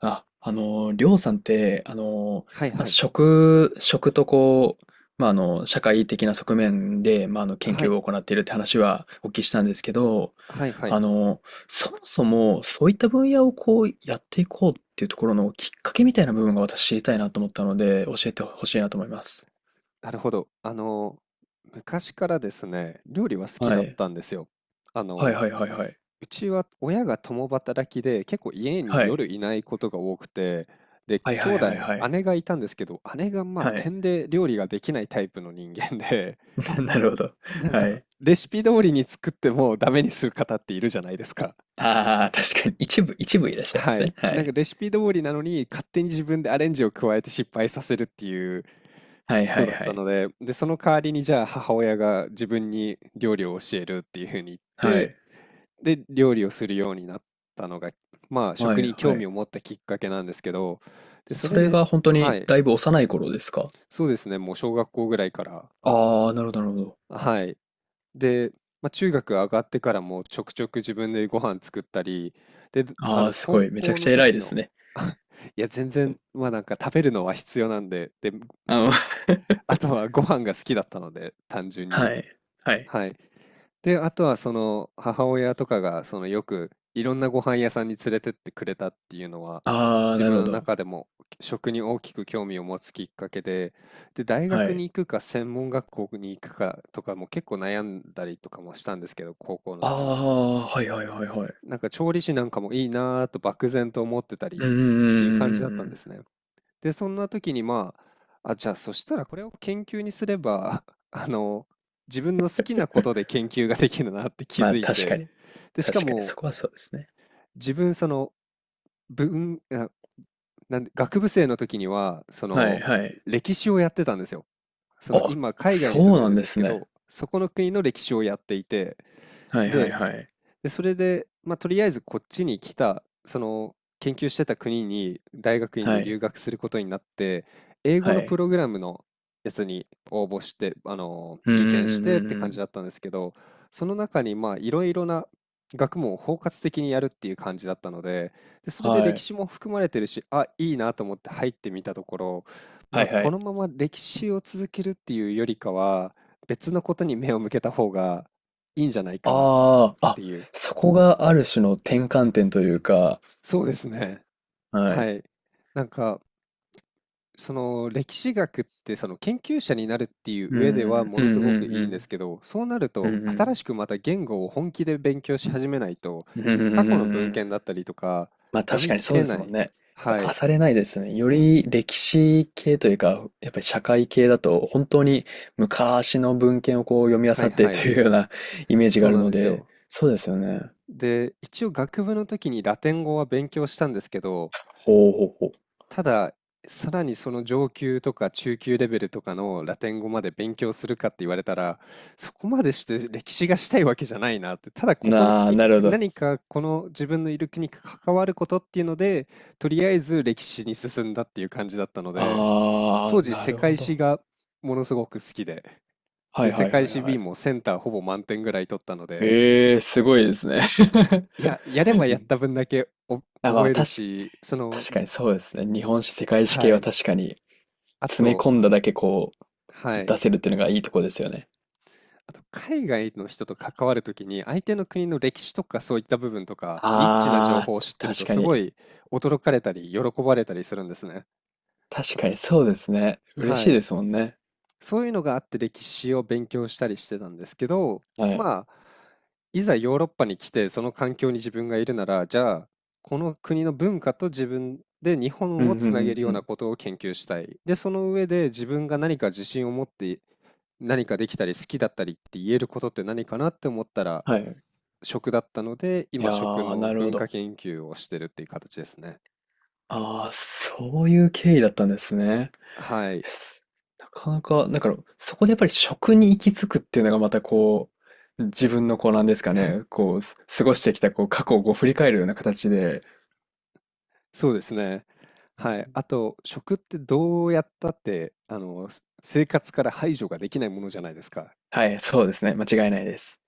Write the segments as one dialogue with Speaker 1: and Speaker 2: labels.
Speaker 1: あ、りょうさんって、
Speaker 2: はいはい。
Speaker 1: 食とこう、社会的な側面で、研
Speaker 2: はい。
Speaker 1: 究を行っているって話はお聞きしたんですけど、
Speaker 2: はいはい。
Speaker 1: あの、そもそもそういった分野をこうやっていこうっていうところのきっかけみたいな部分が私知りたいなと思ったので、教えてほしいなと思います。
Speaker 2: なるほど。昔からですね、料理は好き
Speaker 1: は
Speaker 2: だっ
Speaker 1: い。
Speaker 2: たんですよ。あ
Speaker 1: はい
Speaker 2: の、
Speaker 1: はいはいはい。
Speaker 2: うちは親が共働きで、結構家
Speaker 1: は
Speaker 2: に
Speaker 1: い。
Speaker 2: 夜いないことが多くて、で、
Speaker 1: はい
Speaker 2: 兄
Speaker 1: はい
Speaker 2: 弟、
Speaker 1: はいはい。
Speaker 2: 姉がいたんですけど、姉がまあ、
Speaker 1: は
Speaker 2: て
Speaker 1: い。
Speaker 2: で料理ができないタイプの人間で、
Speaker 1: なるほど。
Speaker 2: なん
Speaker 1: は
Speaker 2: か
Speaker 1: い。
Speaker 2: レシピ通りに作ってもダメにする方っているじゃないですか。
Speaker 1: ああ、確かに一部いらっしゃいま
Speaker 2: は
Speaker 1: す
Speaker 2: い。
Speaker 1: ね。は
Speaker 2: なんか
Speaker 1: い。
Speaker 2: レシピ通りなのに、勝手に自分でアレンジを加えて失敗させるっていう
Speaker 1: はいは
Speaker 2: 人
Speaker 1: い
Speaker 2: だっ
Speaker 1: は
Speaker 2: た
Speaker 1: い。
Speaker 2: ので、で、その代わりにじゃあ母親が自分に料理を教えるっていうふうに言っ
Speaker 1: はい。
Speaker 2: て、で、料理をするようになったのが、まあ
Speaker 1: は
Speaker 2: 食
Speaker 1: い
Speaker 2: に
Speaker 1: は
Speaker 2: 興味
Speaker 1: い。
Speaker 2: を持ったきっかけなんですけど、で、そ
Speaker 1: そ
Speaker 2: れ
Speaker 1: れ
Speaker 2: で、
Speaker 1: が本当
Speaker 2: は
Speaker 1: に
Speaker 2: い。
Speaker 1: だいぶ幼い頃ですか？
Speaker 2: そうですね。もう小学校ぐらいから、
Speaker 1: ああー、なるほどなるほど。
Speaker 2: はい。で、まあ、中学上がってからもちょくちょく自分でご飯作ったり、で、
Speaker 1: ああ、す
Speaker 2: 高
Speaker 1: ごい、めちゃ
Speaker 2: 校
Speaker 1: くち
Speaker 2: の
Speaker 1: ゃ偉い
Speaker 2: 時
Speaker 1: です
Speaker 2: の、
Speaker 1: ね。
Speaker 2: いや、全然、まあなんか食べるのは必要なんで、で、
Speaker 1: あの
Speaker 2: あとはご飯が好きだったので、単純に。
Speaker 1: はい、はい。
Speaker 2: はい。で、あとはその母親とかがそのよくいろんなご飯屋さんに連れてってくれたっていうのは、
Speaker 1: ああ、
Speaker 2: 自
Speaker 1: な
Speaker 2: 分
Speaker 1: るほ
Speaker 2: の
Speaker 1: ど。
Speaker 2: 中でも食に大きく興味を持つきっかけで、で、大
Speaker 1: は
Speaker 2: 学に
Speaker 1: い。
Speaker 2: 行くか専門学校に行くかとかも結構悩んだりとかもしたんですけど、高校の
Speaker 1: あ
Speaker 2: 時に。
Speaker 1: あ、はいはいはいはい。
Speaker 2: なんか調理師なんかもいいなぁと漠然と思ってたりっ
Speaker 1: うんうんうん
Speaker 2: ていう感
Speaker 1: う
Speaker 2: じだった
Speaker 1: んう
Speaker 2: んで
Speaker 1: ん
Speaker 2: すね。で、そんな時にまあ、あ、じゃあそしたらこれを研究にすれば、あの、自分の好きなことで 研究ができるなって気
Speaker 1: まあ
Speaker 2: づい
Speaker 1: 確か
Speaker 2: て、
Speaker 1: に。
Speaker 2: で、しか
Speaker 1: 確かに
Speaker 2: も
Speaker 1: そこはそうですね。
Speaker 2: 自分その文、あなんで、学部生の時には、そ
Speaker 1: はい
Speaker 2: の
Speaker 1: はい。
Speaker 2: 歴史をやってたんですよ。その
Speaker 1: あ、
Speaker 2: 今海外に住
Speaker 1: そ
Speaker 2: ん
Speaker 1: う
Speaker 2: で
Speaker 1: なん
Speaker 2: るん
Speaker 1: で
Speaker 2: です
Speaker 1: す
Speaker 2: け
Speaker 1: ね。
Speaker 2: ど、そこの国の歴史をやっていて、
Speaker 1: はいはい
Speaker 2: で、
Speaker 1: はい。
Speaker 2: で、それで、まあ、とりあえずこっちに来た、その、研究してた国に大学院
Speaker 1: は
Speaker 2: で
Speaker 1: い、
Speaker 2: 留学することになって、英
Speaker 1: は
Speaker 2: 語のプ
Speaker 1: い。
Speaker 2: ログラムのやつに応募して、
Speaker 1: うん
Speaker 2: 受
Speaker 1: うん
Speaker 2: 験し
Speaker 1: うん
Speaker 2: てっ
Speaker 1: うん
Speaker 2: て
Speaker 1: う
Speaker 2: 感じ
Speaker 1: ん。
Speaker 2: だったんですけど、その中に、ま、いろいろな学問を包括的にやるっていう感じだったので、で、それで
Speaker 1: は
Speaker 2: 歴
Speaker 1: い。
Speaker 2: 史も含まれてるし、あ、いいなと思って入ってみたところ、ま
Speaker 1: は
Speaker 2: あ、
Speaker 1: いは
Speaker 2: こ
Speaker 1: い。
Speaker 2: のまま歴史を続けるっていうよりかは、別のことに目を向けた方がいいんじゃないかなっ
Speaker 1: ああ、あ、
Speaker 2: ていう。
Speaker 1: そこがある種の転換点というか、
Speaker 2: そうですね。
Speaker 1: はい。
Speaker 2: はい。なんか、その歴史学ってその研究者になるっていう
Speaker 1: う
Speaker 2: 上では
Speaker 1: ん、うん、
Speaker 2: も
Speaker 1: う
Speaker 2: のす
Speaker 1: ん、
Speaker 2: ご
Speaker 1: う
Speaker 2: く
Speaker 1: ん、
Speaker 2: いいんですけど、そうなる
Speaker 1: うん、
Speaker 2: と
Speaker 1: う
Speaker 2: 新
Speaker 1: ん、
Speaker 2: しくまた言語を本気で勉強し始めないと、
Speaker 1: うん、うん、
Speaker 2: 過
Speaker 1: う
Speaker 2: 去の文献だ
Speaker 1: ん。
Speaker 2: ったりとか
Speaker 1: まあ
Speaker 2: 読
Speaker 1: 確
Speaker 2: み
Speaker 1: かに
Speaker 2: 切
Speaker 1: そう
Speaker 2: れ
Speaker 1: です
Speaker 2: な
Speaker 1: もん
Speaker 2: い。
Speaker 1: ね。やっ
Speaker 2: は
Speaker 1: ぱ
Speaker 2: い。
Speaker 1: 漁れないですね。より歴史系というか、やっぱり社会系だと、本当に昔の文献をこう読み漁
Speaker 2: はい
Speaker 1: って
Speaker 2: は
Speaker 1: と
Speaker 2: い。
Speaker 1: いうような イメージ
Speaker 2: そ
Speaker 1: があ
Speaker 2: う
Speaker 1: る
Speaker 2: なん
Speaker 1: の
Speaker 2: です
Speaker 1: で、
Speaker 2: よ。
Speaker 1: そうですよね。
Speaker 2: で、一応学部の時にラテン語は勉強したんですけど、
Speaker 1: ほうほうほ
Speaker 2: ただ、さらにその上級とか中級レベルとかのラテン語まで勉強するかって言われたら、そこまでして歴史がしたいわけじゃないなって、ただ
Speaker 1: う。
Speaker 2: ここに
Speaker 1: なあ、なるほど。
Speaker 2: 何かこの自分のいる国に関わることっていうので、とりあえず歴史に進んだっていう感じだったので、
Speaker 1: ああ、
Speaker 2: 当時
Speaker 1: な
Speaker 2: 世
Speaker 1: るほ
Speaker 2: 界史
Speaker 1: ど。
Speaker 2: がものすごく好きで、
Speaker 1: は
Speaker 2: で、
Speaker 1: い
Speaker 2: 世
Speaker 1: はい
Speaker 2: 界
Speaker 1: はい
Speaker 2: 史
Speaker 1: は
Speaker 2: B
Speaker 1: い。
Speaker 2: もセンターほぼ満点ぐらい取ったので、
Speaker 1: ええ、すごいですね。
Speaker 2: いや、や れ
Speaker 1: う
Speaker 2: ばやっ
Speaker 1: ん
Speaker 2: た分だけお
Speaker 1: あ、ま
Speaker 2: 覚
Speaker 1: あ、
Speaker 2: えるし、その、
Speaker 1: 確かにそうですね。日本史、世界史
Speaker 2: は
Speaker 1: 系は
Speaker 2: い、
Speaker 1: 確かに
Speaker 2: あ
Speaker 1: 詰め
Speaker 2: と、
Speaker 1: 込んだだけこ
Speaker 2: は
Speaker 1: う
Speaker 2: い。
Speaker 1: 出せるっていうのがいいとこですよね。
Speaker 2: あと、海外の人と関わるときに、相手の国の歴史とかそういった部分とか、ニッチな情
Speaker 1: ああ、
Speaker 2: 報を知ってると、
Speaker 1: 確か
Speaker 2: すご
Speaker 1: に。
Speaker 2: い驚かれたり、喜ばれたりするんですね。
Speaker 1: 確
Speaker 2: た、
Speaker 1: かにそうですね。嬉し
Speaker 2: は
Speaker 1: い
Speaker 2: い。
Speaker 1: ですもんね。
Speaker 2: そういうのがあって、歴史を勉強したりしてたんですけど、
Speaker 1: はい。
Speaker 2: まあ、いざヨーロッパに来て、その環境に自分がいるなら、じゃあ、この国の文化と自分で日
Speaker 1: うん
Speaker 2: 本
Speaker 1: う
Speaker 2: を
Speaker 1: んう
Speaker 2: つなげる
Speaker 1: ん
Speaker 2: よう
Speaker 1: う
Speaker 2: な
Speaker 1: ん。
Speaker 2: ことを研究したい。で、その上で自分が何か自信を持って何かできたり好きだったりって言えることって何かなって思ったら、
Speaker 1: はい。
Speaker 2: 食だったので、
Speaker 1: い
Speaker 2: 今
Speaker 1: や
Speaker 2: 食
Speaker 1: ー、
Speaker 2: の
Speaker 1: なるほ
Speaker 2: 文化
Speaker 1: ど。
Speaker 2: 研究をしてるっていう形ですね。
Speaker 1: ああ、そういう経緯だったんですね。
Speaker 2: はい、
Speaker 1: すなかなか、だからそこでやっぱり食に行き着くっていうのがまたこう、自分のこうなんですかね、こう、過ごしてきたこう過去をこう振り返るような形で、
Speaker 2: そうですね。はい、あと食ってどうやったって、す生活から排除ができないものじゃないですか。っ
Speaker 1: はい、そうですね。間違いないです。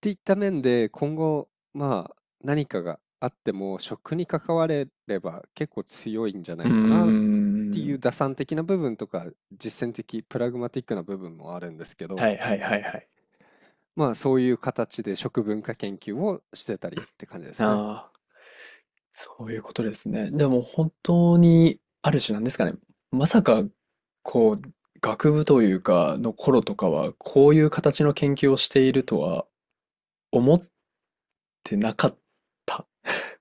Speaker 2: ていった面で、今後、まあ、何かがあっても食に関われれば結構強いんじゃな
Speaker 1: うー
Speaker 2: いかなっていう
Speaker 1: ん。
Speaker 2: 打算的な部分とか、実践的、プラグマティックな部分もあるんですけ
Speaker 1: は
Speaker 2: ど、
Speaker 1: いはいはいはい。
Speaker 2: まあ、そういう形で食文化研究をしてたりって感じですね。
Speaker 1: ああ、そういうことですね。でも本当に、ある種なんですかね。まさか、こう、学部というか、の頃とかは、こういう形の研究をしているとは思ってなかった。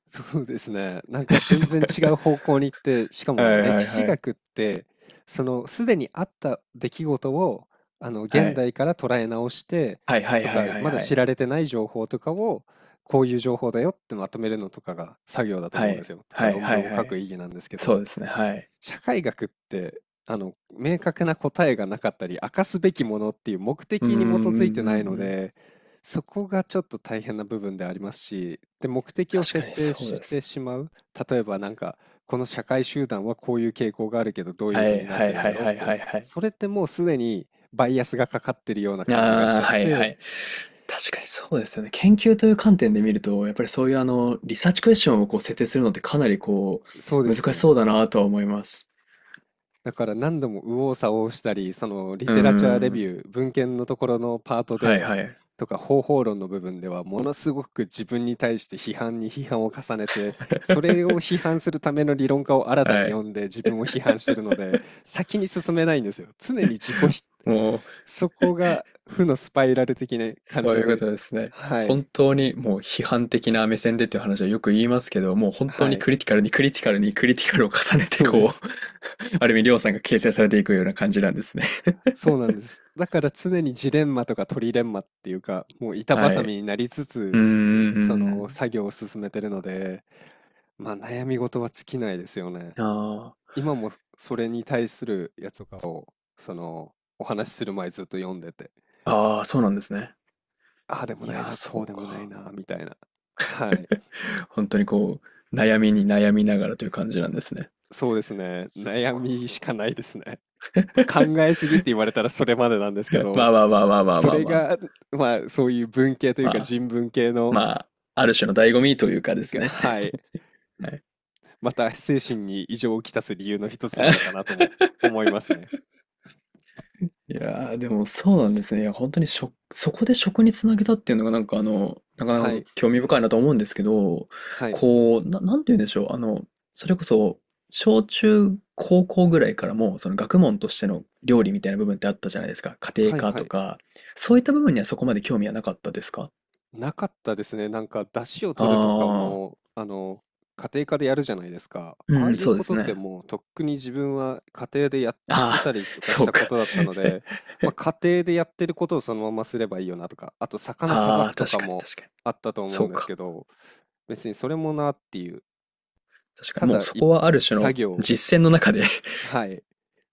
Speaker 2: そうですね。なんか全然 違う方向に行って、しか
Speaker 1: は
Speaker 2: も
Speaker 1: いは
Speaker 2: 歴
Speaker 1: い
Speaker 2: 史
Speaker 1: はい。
Speaker 2: 学って、そのすでにあった出来事を、あの
Speaker 1: は
Speaker 2: 現
Speaker 1: い。
Speaker 2: 代から捉え直して
Speaker 1: はいはい
Speaker 2: と
Speaker 1: はい
Speaker 2: か、
Speaker 1: はい
Speaker 2: まだ
Speaker 1: は
Speaker 2: 知
Speaker 1: い。
Speaker 2: られてない情報とかを、こういう情報だよってまとめるのとかが作業だと
Speaker 1: は
Speaker 2: 思うんです
Speaker 1: い。
Speaker 2: よ。とか
Speaker 1: はい
Speaker 2: 論
Speaker 1: はい
Speaker 2: 文を
Speaker 1: は
Speaker 2: 書く
Speaker 1: い。
Speaker 2: 意義なんですけ
Speaker 1: そ
Speaker 2: ど、
Speaker 1: うですね。はい。
Speaker 2: 社会学ってあの明確な答えがなかったり明かすべきものっていう目
Speaker 1: うん
Speaker 2: 的
Speaker 1: うん
Speaker 2: に基づいて
Speaker 1: うん
Speaker 2: な
Speaker 1: う
Speaker 2: いの
Speaker 1: んうん。
Speaker 2: で、そこがちょっと大変な部分でありますし、で、目的を
Speaker 1: 確か
Speaker 2: 設
Speaker 1: に
Speaker 2: 定
Speaker 1: そう
Speaker 2: し
Speaker 1: で
Speaker 2: て
Speaker 1: す。
Speaker 2: しまう、例えばなんかこの社会集団はこういう傾向があるけどどういう
Speaker 1: は
Speaker 2: ふう
Speaker 1: い
Speaker 2: になっ
Speaker 1: は
Speaker 2: て
Speaker 1: い
Speaker 2: るん
Speaker 1: は
Speaker 2: だ
Speaker 1: い
Speaker 2: ろうっ
Speaker 1: はい
Speaker 2: て、
Speaker 1: はいはい。
Speaker 2: それってもうすでにバイアスがかかってるような感じがし
Speaker 1: あ
Speaker 2: ち
Speaker 1: あ、
Speaker 2: ゃっ
Speaker 1: はいは
Speaker 2: て。
Speaker 1: い。確かにそうですよね。研究という観点で見ると、やっぱりそういうリサーチクエスチョンをこう設定するのってかなりこ
Speaker 2: そうで
Speaker 1: う、難
Speaker 2: す
Speaker 1: しそ
Speaker 2: ね。
Speaker 1: うだなとは思います。
Speaker 2: だから何度も右往左往したり、そのリ
Speaker 1: うー
Speaker 2: テラチャーレビ
Speaker 1: ん。
Speaker 2: ュー、文献のところのパート
Speaker 1: はい
Speaker 2: で、
Speaker 1: はい。
Speaker 2: とか方法論の部分では、ものすごく自分に対して批判を重ねて、それを 批判するための理論家を新たに
Speaker 1: はい。
Speaker 2: 読んで自分を批判してるので、先に進めないんですよ。常に自己否。
Speaker 1: もう、
Speaker 2: そこが負のスパイラル的な感
Speaker 1: そう
Speaker 2: じ
Speaker 1: いうこ
Speaker 2: で。
Speaker 1: とですね。
Speaker 2: は
Speaker 1: 本
Speaker 2: い。
Speaker 1: 当にもう批判的な目線でっていう話はよく言いますけど、もう本当
Speaker 2: は
Speaker 1: に
Speaker 2: い。
Speaker 1: クリティカルにクリティカルにクリティカルを重ねて
Speaker 2: そうで
Speaker 1: こ
Speaker 2: す。
Speaker 1: う、ある意味りょうさんが形成されていくような感じなんですね。
Speaker 2: そう なんです。だから常にジレンマとかトリレンマっていうか、もう板
Speaker 1: は
Speaker 2: 挟み
Speaker 1: い。
Speaker 2: になりつ
Speaker 1: うー
Speaker 2: つ、その
Speaker 1: ん。
Speaker 2: 作業を進めてるので、まあ悩み事は尽きないですよね。
Speaker 1: ああ。
Speaker 2: 今もそれに対するやつとかを、そのお話しする前ずっと読んでて、
Speaker 1: ああ、そうなんですね。
Speaker 2: ああでも
Speaker 1: い
Speaker 2: ない
Speaker 1: や
Speaker 2: な、こ
Speaker 1: そ
Speaker 2: う
Speaker 1: う
Speaker 2: でもない
Speaker 1: か。
Speaker 2: な、みたいな。はい。
Speaker 1: 本当にこう、悩みに悩みながらという感じなんですね。
Speaker 2: そうですね。
Speaker 1: そ
Speaker 2: 悩
Speaker 1: うか。
Speaker 2: みしかないですね。考えすぎって言われたらそれまでなんですけ
Speaker 1: ま
Speaker 2: ど、
Speaker 1: あまあまあまあまあ
Speaker 2: そ
Speaker 1: まあ
Speaker 2: れ
Speaker 1: まあ。
Speaker 2: が、まあそういう文系という
Speaker 1: ま
Speaker 2: か
Speaker 1: あ、
Speaker 2: 人文系の、
Speaker 1: まあ、ある種の醍醐味というかです
Speaker 2: が
Speaker 1: ね。
Speaker 2: はい。
Speaker 1: はい。
Speaker 2: また精神 に異常をきたす理由の一つなのかなとも思いますね。
Speaker 1: いやー、でもそうなんですね。いや、本当にそこで食につなげたっていうのがなんかなか
Speaker 2: は
Speaker 1: なか
Speaker 2: い。
Speaker 1: 興味深いなと思うんですけど、
Speaker 2: はい。
Speaker 1: こう、なんて言うんでしょう。それこそ、小中高校ぐらいからも、その学問としての料理みたいな部分ってあったじゃないですか。家庭
Speaker 2: はい
Speaker 1: 科
Speaker 2: は
Speaker 1: と
Speaker 2: い。
Speaker 1: か、そういった部分にはそこまで興味はなかったですか？
Speaker 2: なかったですね。なんか、出汁を取るとか
Speaker 1: ああ
Speaker 2: も、家庭科でやるじゃないですか。
Speaker 1: ー、
Speaker 2: ああ
Speaker 1: うん、
Speaker 2: いう
Speaker 1: そうで
Speaker 2: こ
Speaker 1: す
Speaker 2: とって
Speaker 1: ね。
Speaker 2: もうとっくに自分は家庭でやって
Speaker 1: あ
Speaker 2: た
Speaker 1: あ、
Speaker 2: りとかし
Speaker 1: そ
Speaker 2: た
Speaker 1: うか。
Speaker 2: ことだったので、まあ、家庭でやってることをそのまますればいいよなとか、あと魚さば
Speaker 1: ああ、
Speaker 2: くと
Speaker 1: 確
Speaker 2: か
Speaker 1: かに
Speaker 2: も
Speaker 1: 確かに。
Speaker 2: あったと思う
Speaker 1: そう
Speaker 2: んです
Speaker 1: か。
Speaker 2: けど、別にそれもなっていう、
Speaker 1: 確か
Speaker 2: た
Speaker 1: に。もう
Speaker 2: だ
Speaker 1: そ
Speaker 2: い
Speaker 1: こはある種
Speaker 2: 作
Speaker 1: の
Speaker 2: 業、
Speaker 1: 実践の中で
Speaker 2: はい、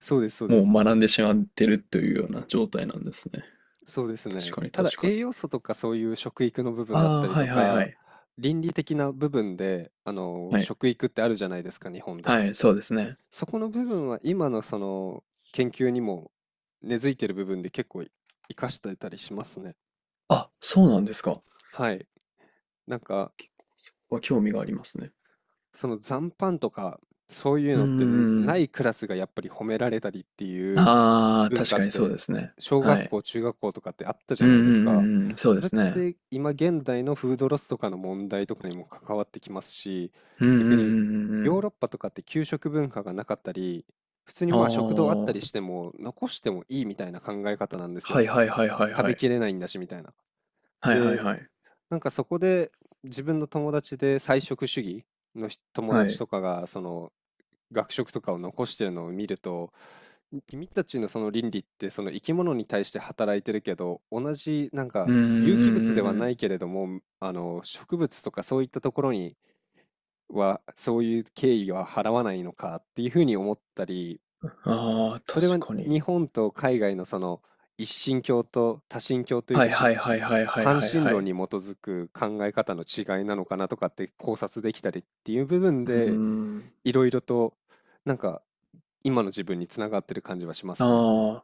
Speaker 2: そうです、そうで
Speaker 1: もう
Speaker 2: す。
Speaker 1: 学んでしまってるというような状態なんですね。
Speaker 2: そうですね。
Speaker 1: 確かに
Speaker 2: ただ
Speaker 1: 確かに。
Speaker 2: 栄養素とかそういう食育の部分だっ
Speaker 1: あ
Speaker 2: た
Speaker 1: あ、
Speaker 2: り
Speaker 1: は
Speaker 2: と
Speaker 1: いはいは
Speaker 2: か、
Speaker 1: い。
Speaker 2: 倫理的な部分で、
Speaker 1: はい。
Speaker 2: 食育ってあるじゃないですか、日本で。
Speaker 1: はい、そうですね。
Speaker 2: そこの部分は今のその研究にも根付いてる部分で結構活かしてたりしますね。
Speaker 1: あ、そうなんですか。
Speaker 2: はい。なんか
Speaker 1: 興味がありますね。
Speaker 2: その残飯とか、そういう
Speaker 1: うん
Speaker 2: の
Speaker 1: う
Speaker 2: ってん
Speaker 1: んう
Speaker 2: な
Speaker 1: ん。
Speaker 2: いクラスがやっぱり褒められたりっていう
Speaker 1: ああ、
Speaker 2: 文
Speaker 1: 確
Speaker 2: 化
Speaker 1: か
Speaker 2: っ
Speaker 1: にそうで
Speaker 2: て、
Speaker 1: すね。
Speaker 2: 小
Speaker 1: は
Speaker 2: 学
Speaker 1: い。
Speaker 2: 校、中学校とかってあったじ
Speaker 1: う
Speaker 2: ゃ
Speaker 1: ん
Speaker 2: ない
Speaker 1: うん
Speaker 2: です
Speaker 1: う
Speaker 2: か。
Speaker 1: んうん。そう
Speaker 2: そ
Speaker 1: で
Speaker 2: れっ
Speaker 1: すね。
Speaker 2: て今現代のフードロスとかの問題とかにも関わってきますし、
Speaker 1: うんうんうんう
Speaker 2: 逆に
Speaker 1: んう
Speaker 2: ヨー
Speaker 1: ん。
Speaker 2: ロッパとかって給食文化がなかったり、普通に
Speaker 1: あ
Speaker 2: まあ食堂あった
Speaker 1: あ、
Speaker 2: りしても残してもいいみたいな考え方なんです
Speaker 1: は
Speaker 2: よ。
Speaker 1: いはいはいはい
Speaker 2: 食
Speaker 1: は
Speaker 2: べ
Speaker 1: い。
Speaker 2: きれないんだしみたいな。
Speaker 1: はいはい
Speaker 2: で、
Speaker 1: はい。
Speaker 2: なんかそこで、自分の友達で菜食主義の人友
Speaker 1: は
Speaker 2: 達
Speaker 1: い。
Speaker 2: とかが、その、学食とかを残してるのを見ると、君たちのその倫理って、その生き物に対して働いてるけど、同じなんか
Speaker 1: うんう
Speaker 2: 有
Speaker 1: ん
Speaker 2: 機物
Speaker 1: う
Speaker 2: で
Speaker 1: んう
Speaker 2: は
Speaker 1: んう
Speaker 2: な
Speaker 1: ん。
Speaker 2: いけれども、植物とかそういったところには、そういう敬意は払わないのかっていうふうに思ったり、
Speaker 1: ああ、
Speaker 2: それは
Speaker 1: 確か
Speaker 2: 日
Speaker 1: に。
Speaker 2: 本と海外のその一神教と多神教という
Speaker 1: は
Speaker 2: か
Speaker 1: いは
Speaker 2: し
Speaker 1: いはいはいはい
Speaker 2: 半
Speaker 1: はい
Speaker 2: 神
Speaker 1: は
Speaker 2: 論
Speaker 1: い。
Speaker 2: に基づく考え方の違いなのかなとかって考察できたりっていう部分
Speaker 1: うー
Speaker 2: で
Speaker 1: ん。
Speaker 2: いろいろとなんか今の自分につながってる感じはしますね。
Speaker 1: ああ、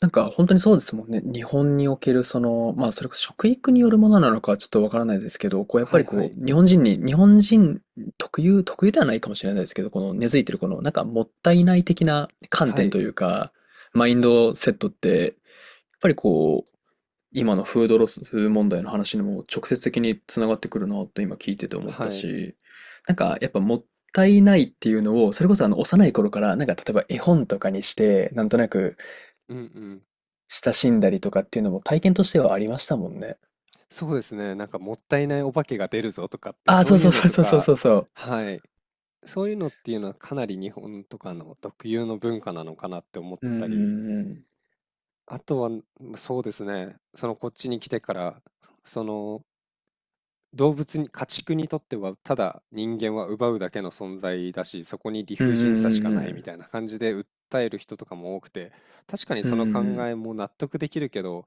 Speaker 1: なんか本当にそうですもんね。日本におけるその、まあそれこそ食育によるものなのかはちょっとわからないですけど、こうやっ
Speaker 2: は
Speaker 1: ぱ
Speaker 2: い
Speaker 1: り
Speaker 2: は
Speaker 1: こ
Speaker 2: い
Speaker 1: う、日本人特有ではないかもしれないですけど、この根付いてるこの、なんかもったいない的な観
Speaker 2: は
Speaker 1: 点
Speaker 2: い
Speaker 1: というか、マインドセットって、やっぱりこう、今のフードロス問題の話にも直接的につながってくるなと今聞いてて思っ
Speaker 2: は
Speaker 1: た
Speaker 2: い。
Speaker 1: し、なんかやっぱもったいないっていうのを、それこそあの幼い頃から、なんか例えば絵本とかにして、なんとなく、
Speaker 2: うんうん。
Speaker 1: 親しんだりとかっていうのも体験としてはありましたもんね。
Speaker 2: そうですね。なんかもったいないお化けが出るぞとかって
Speaker 1: ああ、
Speaker 2: そ
Speaker 1: そ
Speaker 2: う
Speaker 1: う
Speaker 2: い
Speaker 1: そ
Speaker 2: う
Speaker 1: う
Speaker 2: の
Speaker 1: そう
Speaker 2: と
Speaker 1: そうそう
Speaker 2: か、
Speaker 1: そうそう。
Speaker 2: はい、そういうのっていうのはかなり日本とかの特有の文化なのかなって思っ
Speaker 1: う
Speaker 2: たり。
Speaker 1: んうん
Speaker 2: あとは、そうですね。そのこっちに来てから、その動物に、家畜にとってはただ人間は奪うだけの存在だし、そこに理
Speaker 1: うん
Speaker 2: 不尽さしか
Speaker 1: う
Speaker 2: ないみ
Speaker 1: ん
Speaker 2: たいな感じで訴える人とかも多くて、確かに
Speaker 1: うん
Speaker 2: その
Speaker 1: う
Speaker 2: 考
Speaker 1: ん
Speaker 2: えも納得できるけど、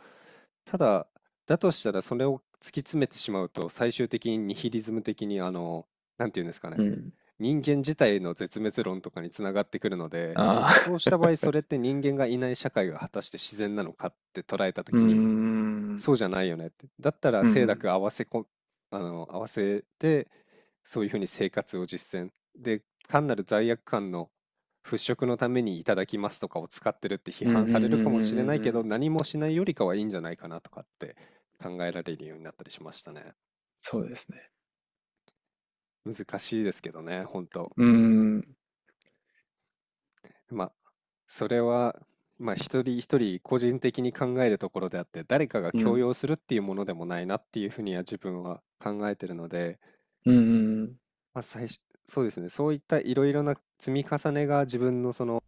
Speaker 2: ただ、だとしたらそれを突き詰めてしまうと、最終的にニヒリズム的になんていうんですかね、
Speaker 1: うん
Speaker 2: 人間自体の絶滅論とかにつながってくるので、
Speaker 1: あ
Speaker 2: そうし
Speaker 1: あ
Speaker 2: た場合、それって人間がいない社会が果たして自然なのかって捉えたと
Speaker 1: うん
Speaker 2: き
Speaker 1: う
Speaker 2: に、
Speaker 1: ん
Speaker 2: そうじゃないよねって。だったら
Speaker 1: う
Speaker 2: 清濁
Speaker 1: ん
Speaker 2: 合わせこ、あの、合わせて、そういうふうに生活を実践。で、単なる罪悪感の払拭のためにいただきますとかを使ってるって批
Speaker 1: うんう
Speaker 2: 判
Speaker 1: んうんう
Speaker 2: され
Speaker 1: ん
Speaker 2: るかもしれない
Speaker 1: う
Speaker 2: けど、
Speaker 1: ん
Speaker 2: 何もしないよりかはいいんじゃないかなとかって考えられるようになったりしましたね。
Speaker 1: そうですね
Speaker 2: 難しいですけどね、本当。
Speaker 1: ううん
Speaker 2: まあ、それは、まあ、一人一人個人的に考えるところであって、誰かが
Speaker 1: う
Speaker 2: 強
Speaker 1: ん
Speaker 2: 要するっていうものでもないなっていうふうには自分は考えてるので、
Speaker 1: うんうん
Speaker 2: まあ、最初、そうですね、そういったいろいろな積み重ねが自分のその、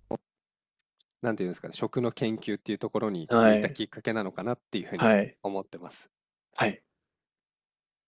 Speaker 2: なんていうんですかね、食の研究っていうところに
Speaker 1: は
Speaker 2: 向いた
Speaker 1: い
Speaker 2: きっかけなのかなっていうふうに
Speaker 1: はい
Speaker 2: 思ってます。
Speaker 1: はい。